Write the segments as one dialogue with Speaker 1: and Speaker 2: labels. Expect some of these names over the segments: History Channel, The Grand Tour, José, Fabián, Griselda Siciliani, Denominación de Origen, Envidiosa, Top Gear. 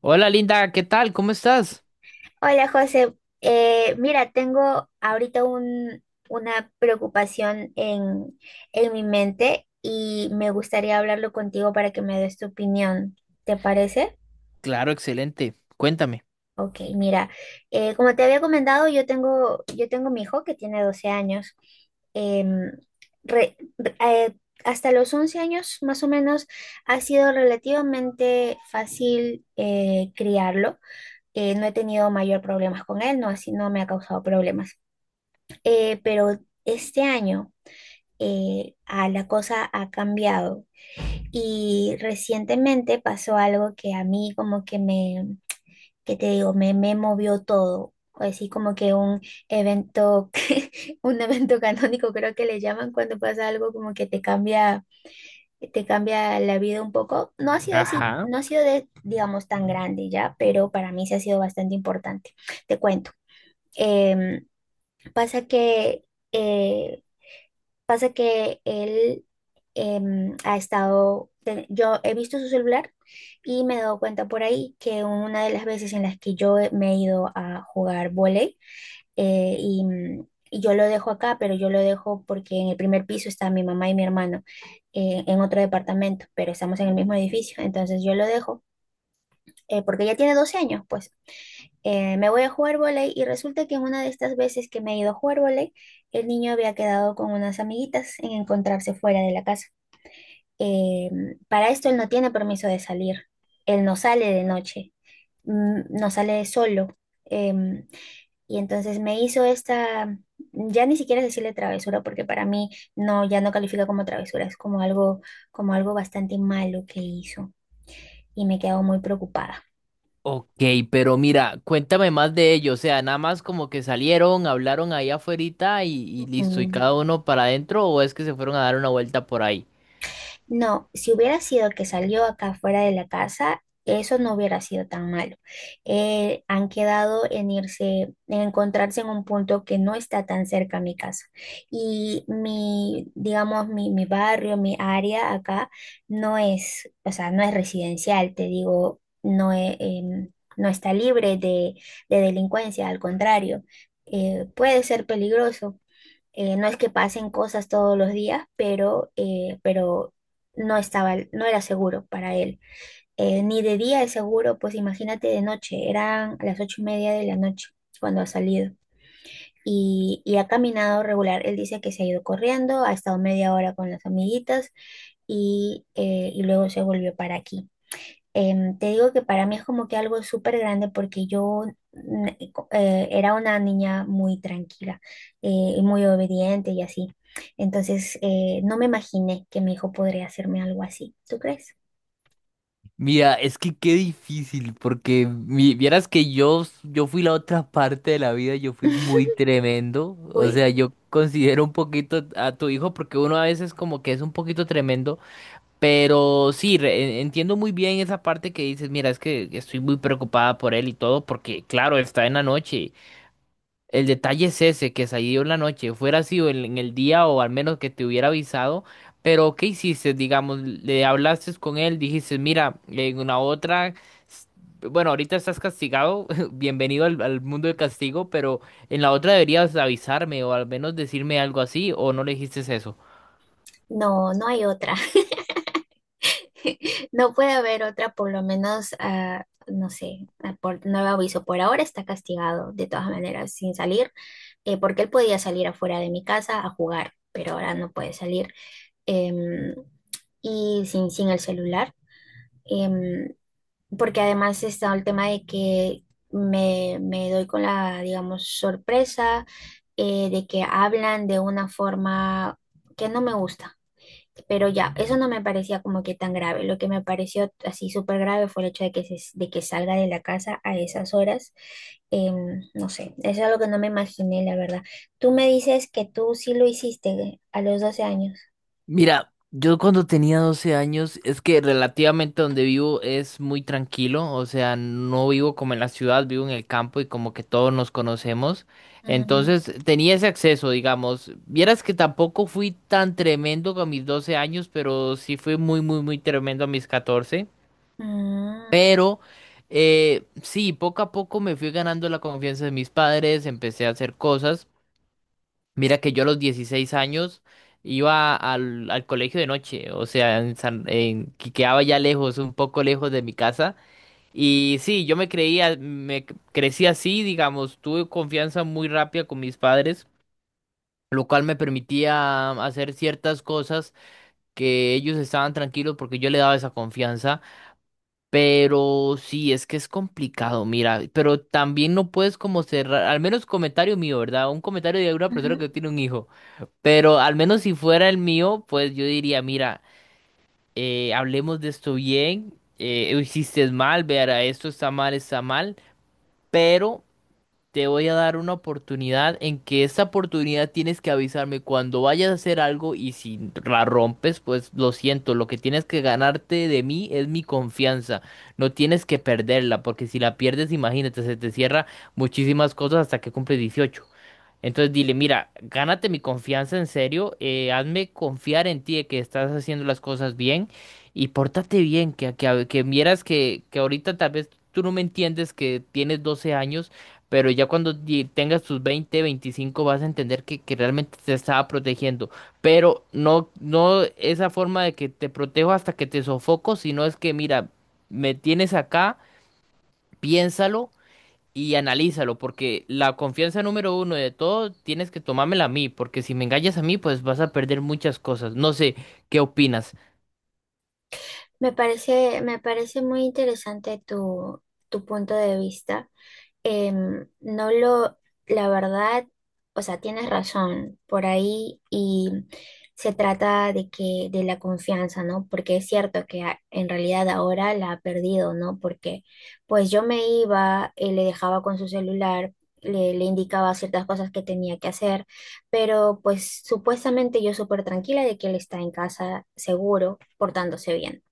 Speaker 1: Hola Linda, ¿qué tal? ¿Cómo estás?
Speaker 2: Hola José. Mira, tengo ahorita una preocupación en mi mente y me gustaría hablarlo contigo para que me des tu opinión. ¿Te parece?
Speaker 1: Claro, excelente. Cuéntame.
Speaker 2: Ok, mira, como te había comentado, yo tengo mi hijo que tiene 12 años. Em, re- re- eh, Hasta los 11 años más o menos ha sido relativamente fácil, criarlo. No he tenido mayor problemas con él, no, así no me ha causado problemas. Pero este año la cosa ha cambiado y recientemente pasó algo que a mí como que que te digo, me movió todo. Así como que un evento, un evento canónico creo que le llaman cuando pasa algo como que te cambia la vida un poco. No ha sido así,
Speaker 1: Ajá.
Speaker 2: no ha sido de, digamos, tan grande ya, pero para mí sí ha sido bastante importante. Te cuento. Em, pasa que eh, Pasa que él ha estado, yo he visto su celular y me he dado cuenta por ahí que una de las veces en las que me he ido a jugar vóley, y yo lo dejo acá, pero yo lo dejo porque en el primer piso está mi mamá y mi hermano, en otro departamento, pero estamos en el mismo edificio. Entonces yo lo dejo, porque ella tiene 12 años, pues. Me voy a jugar vóley y resulta que en una de estas veces que me he ido a jugar vóley, el niño había quedado con unas amiguitas en encontrarse fuera de la casa. Eh, para esto él no tiene permiso de salir, él no sale de noche, no sale solo. Em, y entonces me hizo esta, ya ni siquiera decirle travesura, porque para mí no, ya no califica como travesura, es como algo bastante malo que hizo, y me quedo muy preocupada.
Speaker 1: Ok, pero mira, cuéntame más de ello. O sea, nada más como que salieron, hablaron ahí afuerita y listo, y
Speaker 2: Mm.
Speaker 1: cada uno para adentro, o es que se fueron a dar una vuelta por ahí.
Speaker 2: No, si hubiera sido que salió acá fuera de la casa, eso no hubiera sido tan malo. Han quedado en irse, en encontrarse en un punto que no está tan cerca a mi casa. Y mi, digamos, mi barrio, mi área acá no es, o sea, no es residencial, te digo, no, no está libre de delincuencia, al contrario, puede ser peligroso. No es que pasen cosas todos los días, pero no estaba, no era seguro para él. Ni de día es seguro, pues imagínate de noche, eran las 8:30 de la noche cuando ha salido. Y ha caminado regular. Él dice que se ha ido corriendo, ha estado media hora con las amiguitas y luego se volvió para aquí. Te digo que para mí es como que algo súper grande, porque yo, era una niña muy tranquila, eh, y muy obediente y así. Entonces, no me imaginé que mi hijo podría hacerme algo así. ¿Tú crees?
Speaker 1: Mira, es que qué difícil, porque vieras que yo fui la otra parte de la vida, yo fui muy tremendo. O
Speaker 2: Uy,
Speaker 1: sea, yo considero un poquito a tu hijo, porque uno a veces como que es un poquito tremendo. Pero sí, entiendo muy bien esa parte que dices, mira, es que estoy muy preocupada por él y todo, porque claro, está en la noche. El detalle es ese, que salió en la noche, fuera sido en el día o al menos que te hubiera avisado, pero ¿qué hiciste? Digamos, le hablaste con él, dijiste, mira, en una otra, s- bueno, ahorita estás castigado, bienvenido al mundo del castigo, pero en la otra deberías avisarme o al menos decirme algo así, o no le dijiste eso.
Speaker 2: no, no hay otra. No puede haber otra, por lo menos, no sé, por nuevo aviso. Por ahora está castigado, de todas maneras, sin salir, porque él podía salir afuera de mi casa a jugar, pero ahora no puede salir. em, y sin, el celular, em, porque además está el tema de que me doy con la, digamos, sorpresa, de que hablan de una forma que no me gusta, pero ya, eso no me parecía como que tan grave. Lo que me pareció así súper grave fue el hecho de que, de que salga de la casa a esas horas. No sé, eso es algo que no me imaginé, la verdad. Tú me dices que tú sí lo hiciste a los 12 años.
Speaker 1: Mira, yo cuando tenía 12 años, es que relativamente donde vivo es muy tranquilo, o sea, no vivo como en la ciudad, vivo en el campo y como que todos nos conocemos.
Speaker 2: Mm.
Speaker 1: Entonces tenía ese acceso, digamos. Vieras que tampoco fui tan tremendo con mis 12 años, pero sí fui muy, muy, muy tremendo a mis 14.
Speaker 2: Mm.
Speaker 1: Pero sí, poco a poco me fui ganando la confianza de mis padres, empecé a hacer cosas. Mira que yo a los 16 años iba al colegio de noche, o sea, en que quedaba ya lejos, un poco lejos de mi casa. Y sí, yo me creía, crecí así, digamos, tuve confianza muy rápida con mis padres, lo cual me permitía hacer ciertas cosas que ellos estaban tranquilos porque yo le daba esa confianza. Pero sí, es que es complicado, mira, pero también no puedes como cerrar, al menos comentario mío, ¿verdad? Un comentario de una persona
Speaker 2: Ujú.
Speaker 1: que tiene un hijo. Pero al menos si fuera el mío, pues yo diría, mira, hablemos de esto bien, hiciste mal, verá, esto está mal, pero te voy a dar una oportunidad en que esa oportunidad tienes que avisarme cuando vayas a hacer algo y si la rompes, pues lo siento, lo que tienes que ganarte de mí es mi confianza, no tienes que perderla, porque si la pierdes, imagínate, se te cierra muchísimas cosas hasta que cumples 18. Entonces dile, mira, gánate mi confianza en serio, hazme confiar en ti de que estás haciendo las cosas bien y pórtate bien, que vieras que ahorita tal vez tú no me entiendes que tienes 12 años, pero ya cuando tengas tus 20, 25 vas a entender que realmente te estaba protegiendo, pero no, no esa forma de que te protejo hasta que te sofoco, sino es que mira, me tienes acá, piénsalo y analízalo, porque la confianza número uno de todo tienes que tomármela a mí, porque si me engañas a mí, pues vas a perder muchas cosas. No sé, ¿qué opinas?
Speaker 2: Me parece muy interesante tu, tu punto de vista. Em, no lo, La verdad, o sea, tienes razón por ahí y se trata de que, de la confianza, ¿no? Porque es cierto que, en realidad ahora la ha perdido, ¿no? Porque pues yo me iba, le dejaba con su celular, le indicaba ciertas cosas que tenía que hacer, pero pues supuestamente yo súper tranquila de que él está en casa seguro, portándose bien,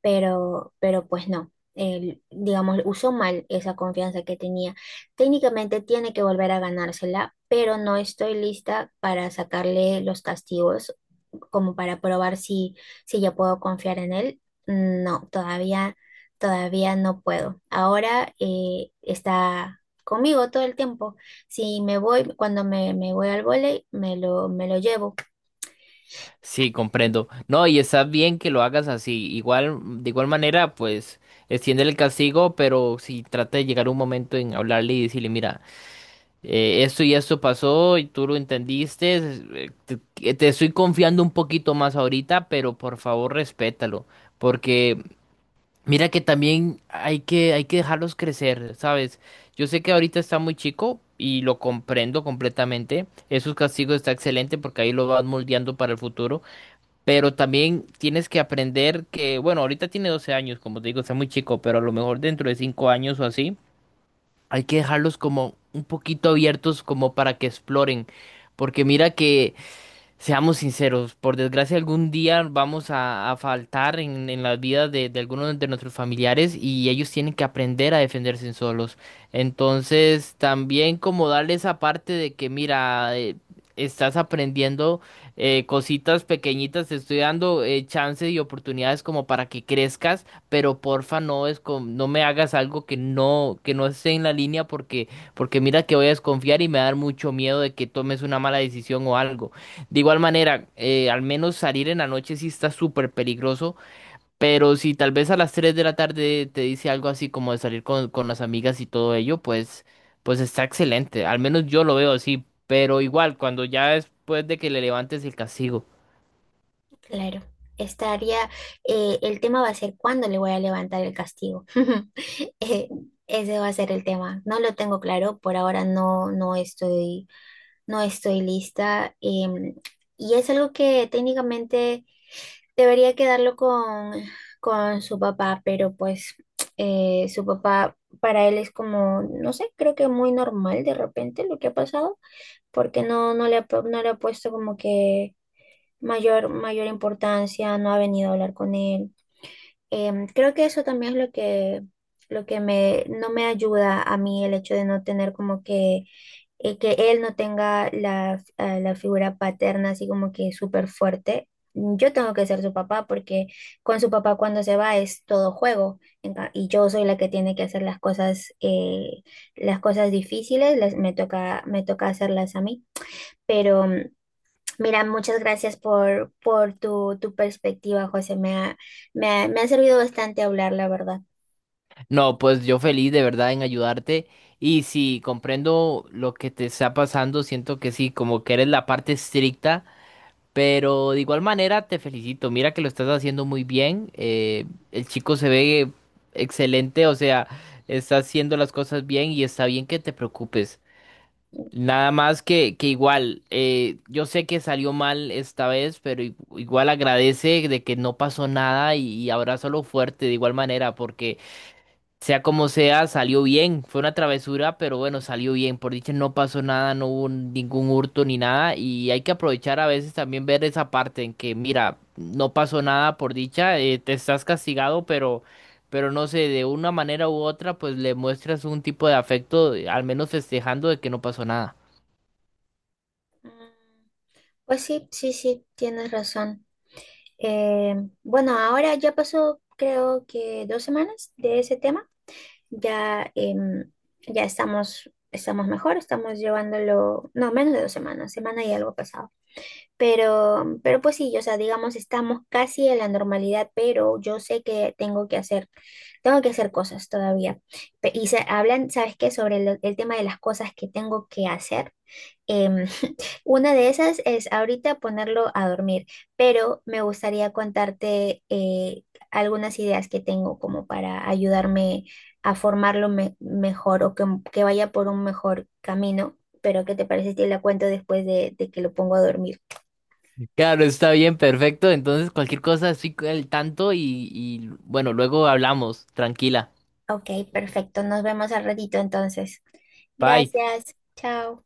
Speaker 2: pero pues no, él, digamos, usó mal esa confianza que tenía. Técnicamente tiene que volver a ganársela, pero no estoy lista para sacarle los castigos como para probar si, ya puedo confiar en él. No, todavía, todavía no puedo. Ahora está conmigo todo el tiempo. Si me voy, cuando me voy al vóley, me lo llevo.
Speaker 1: Sí, comprendo. No, y está bien que lo hagas así. Igual, de igual manera, pues extiende el castigo, pero si trata de llegar un momento en hablarle y decirle, mira, esto y esto pasó y tú lo entendiste, te estoy confiando un poquito más ahorita, pero por favor respétalo, porque mira que también hay que dejarlos crecer, ¿sabes? Yo sé que ahorita está muy chico y lo comprendo completamente. Esos castigos está excelente porque ahí lo vas moldeando para el futuro. Pero también tienes que aprender que, bueno, ahorita tiene 12 años, como te digo, está muy chico, pero a lo mejor dentro de 5 años o así, hay que dejarlos como un poquito abiertos como para que exploren. Porque mira que seamos sinceros, por desgracia algún día vamos a faltar en las vidas de algunos de nuestros familiares y ellos tienen que aprender a defenderse solos. Entonces, también como darle esa parte de que, mira, estás aprendiendo cositas pequeñitas, te estoy dando chances y oportunidades como para que crezcas, pero porfa no me hagas algo que no esté en la línea porque, porque mira que voy a desconfiar y me va a dar mucho miedo de que tomes una mala decisión o algo. De igual manera, al menos salir en la noche sí está súper peligroso, pero si tal vez a las 3 de la tarde te dice algo así como de salir con las amigas y todo ello, pues, pues está excelente. Al menos yo lo veo así, pero igual, cuando ya después de que le levantes el castigo.
Speaker 2: Claro, estaría, el tema va a ser cuándo le voy a levantar el castigo. Eh, Ese va a ser el tema. No lo tengo claro, por ahora no estoy, lista. Y es algo que técnicamente debería quedarlo con su papá, pero pues, su papá para él es como, no sé, creo que muy normal de repente lo que ha pasado, porque no, no le ha puesto como que mayor importancia, no ha venido a hablar con él. Creo que eso también es lo que, no me ayuda a mí, el hecho de no tener como que él no tenga la figura paterna así como que súper fuerte. Yo tengo que ser su papá porque con su papá cuando se va es todo juego y yo soy la que tiene que hacer las cosas difíciles, me toca hacerlas a mí, pero... Mira, muchas gracias por tu, tu perspectiva, José. Me ha servido bastante hablar, la verdad.
Speaker 1: No, pues yo feliz de verdad en ayudarte y si comprendo lo que te está pasando, siento que sí, como que eres la parte estricta. Pero de igual manera te felicito, mira que lo estás haciendo muy bien, el chico se ve excelente, o sea, está haciendo las cosas bien y está bien que te preocupes. Nada más que igual, yo sé que salió mal esta vez, pero igual agradece de que no pasó nada y abrázalo fuerte de igual manera, porque sea como sea, salió bien. Fue una travesura, pero bueno, salió bien. Por dicha no pasó nada, no hubo ningún hurto ni nada. Y hay que aprovechar a veces también ver esa parte en que, mira, no pasó nada por dicha, te estás castigado, pero no sé, de una manera u otra, pues le muestras un tipo de afecto, al menos festejando de que no pasó nada.
Speaker 2: Mm, Pues sí, sí, sí, tienes razón. Eh, bueno, ahora ya pasó creo que 2 semanas de ese tema. Ya, em, ya estamos, mejor, estamos llevándolo. No, menos de 2 semanas, semana y algo pasado. Pero pues sí, o sea, digamos, estamos casi en la normalidad, pero yo sé que tengo que hacer cosas todavía. Y se hablan, ¿sabes qué? Sobre el tema de las cosas que tengo que hacer. Em, una de esas es ahorita ponerlo a dormir, pero me gustaría contarte, algunas ideas que tengo como para ayudarme a formarlo mejor, o que vaya por un mejor camino. Pero ¿qué te parece si te la cuento después de que lo pongo a dormir?
Speaker 1: Claro, está bien, perfecto. Entonces, cualquier cosa, estoy al tanto y bueno, luego hablamos. Tranquila.
Speaker 2: Ok, perfecto, nos vemos al ratito entonces.
Speaker 1: Bye.
Speaker 2: Gracias, chao.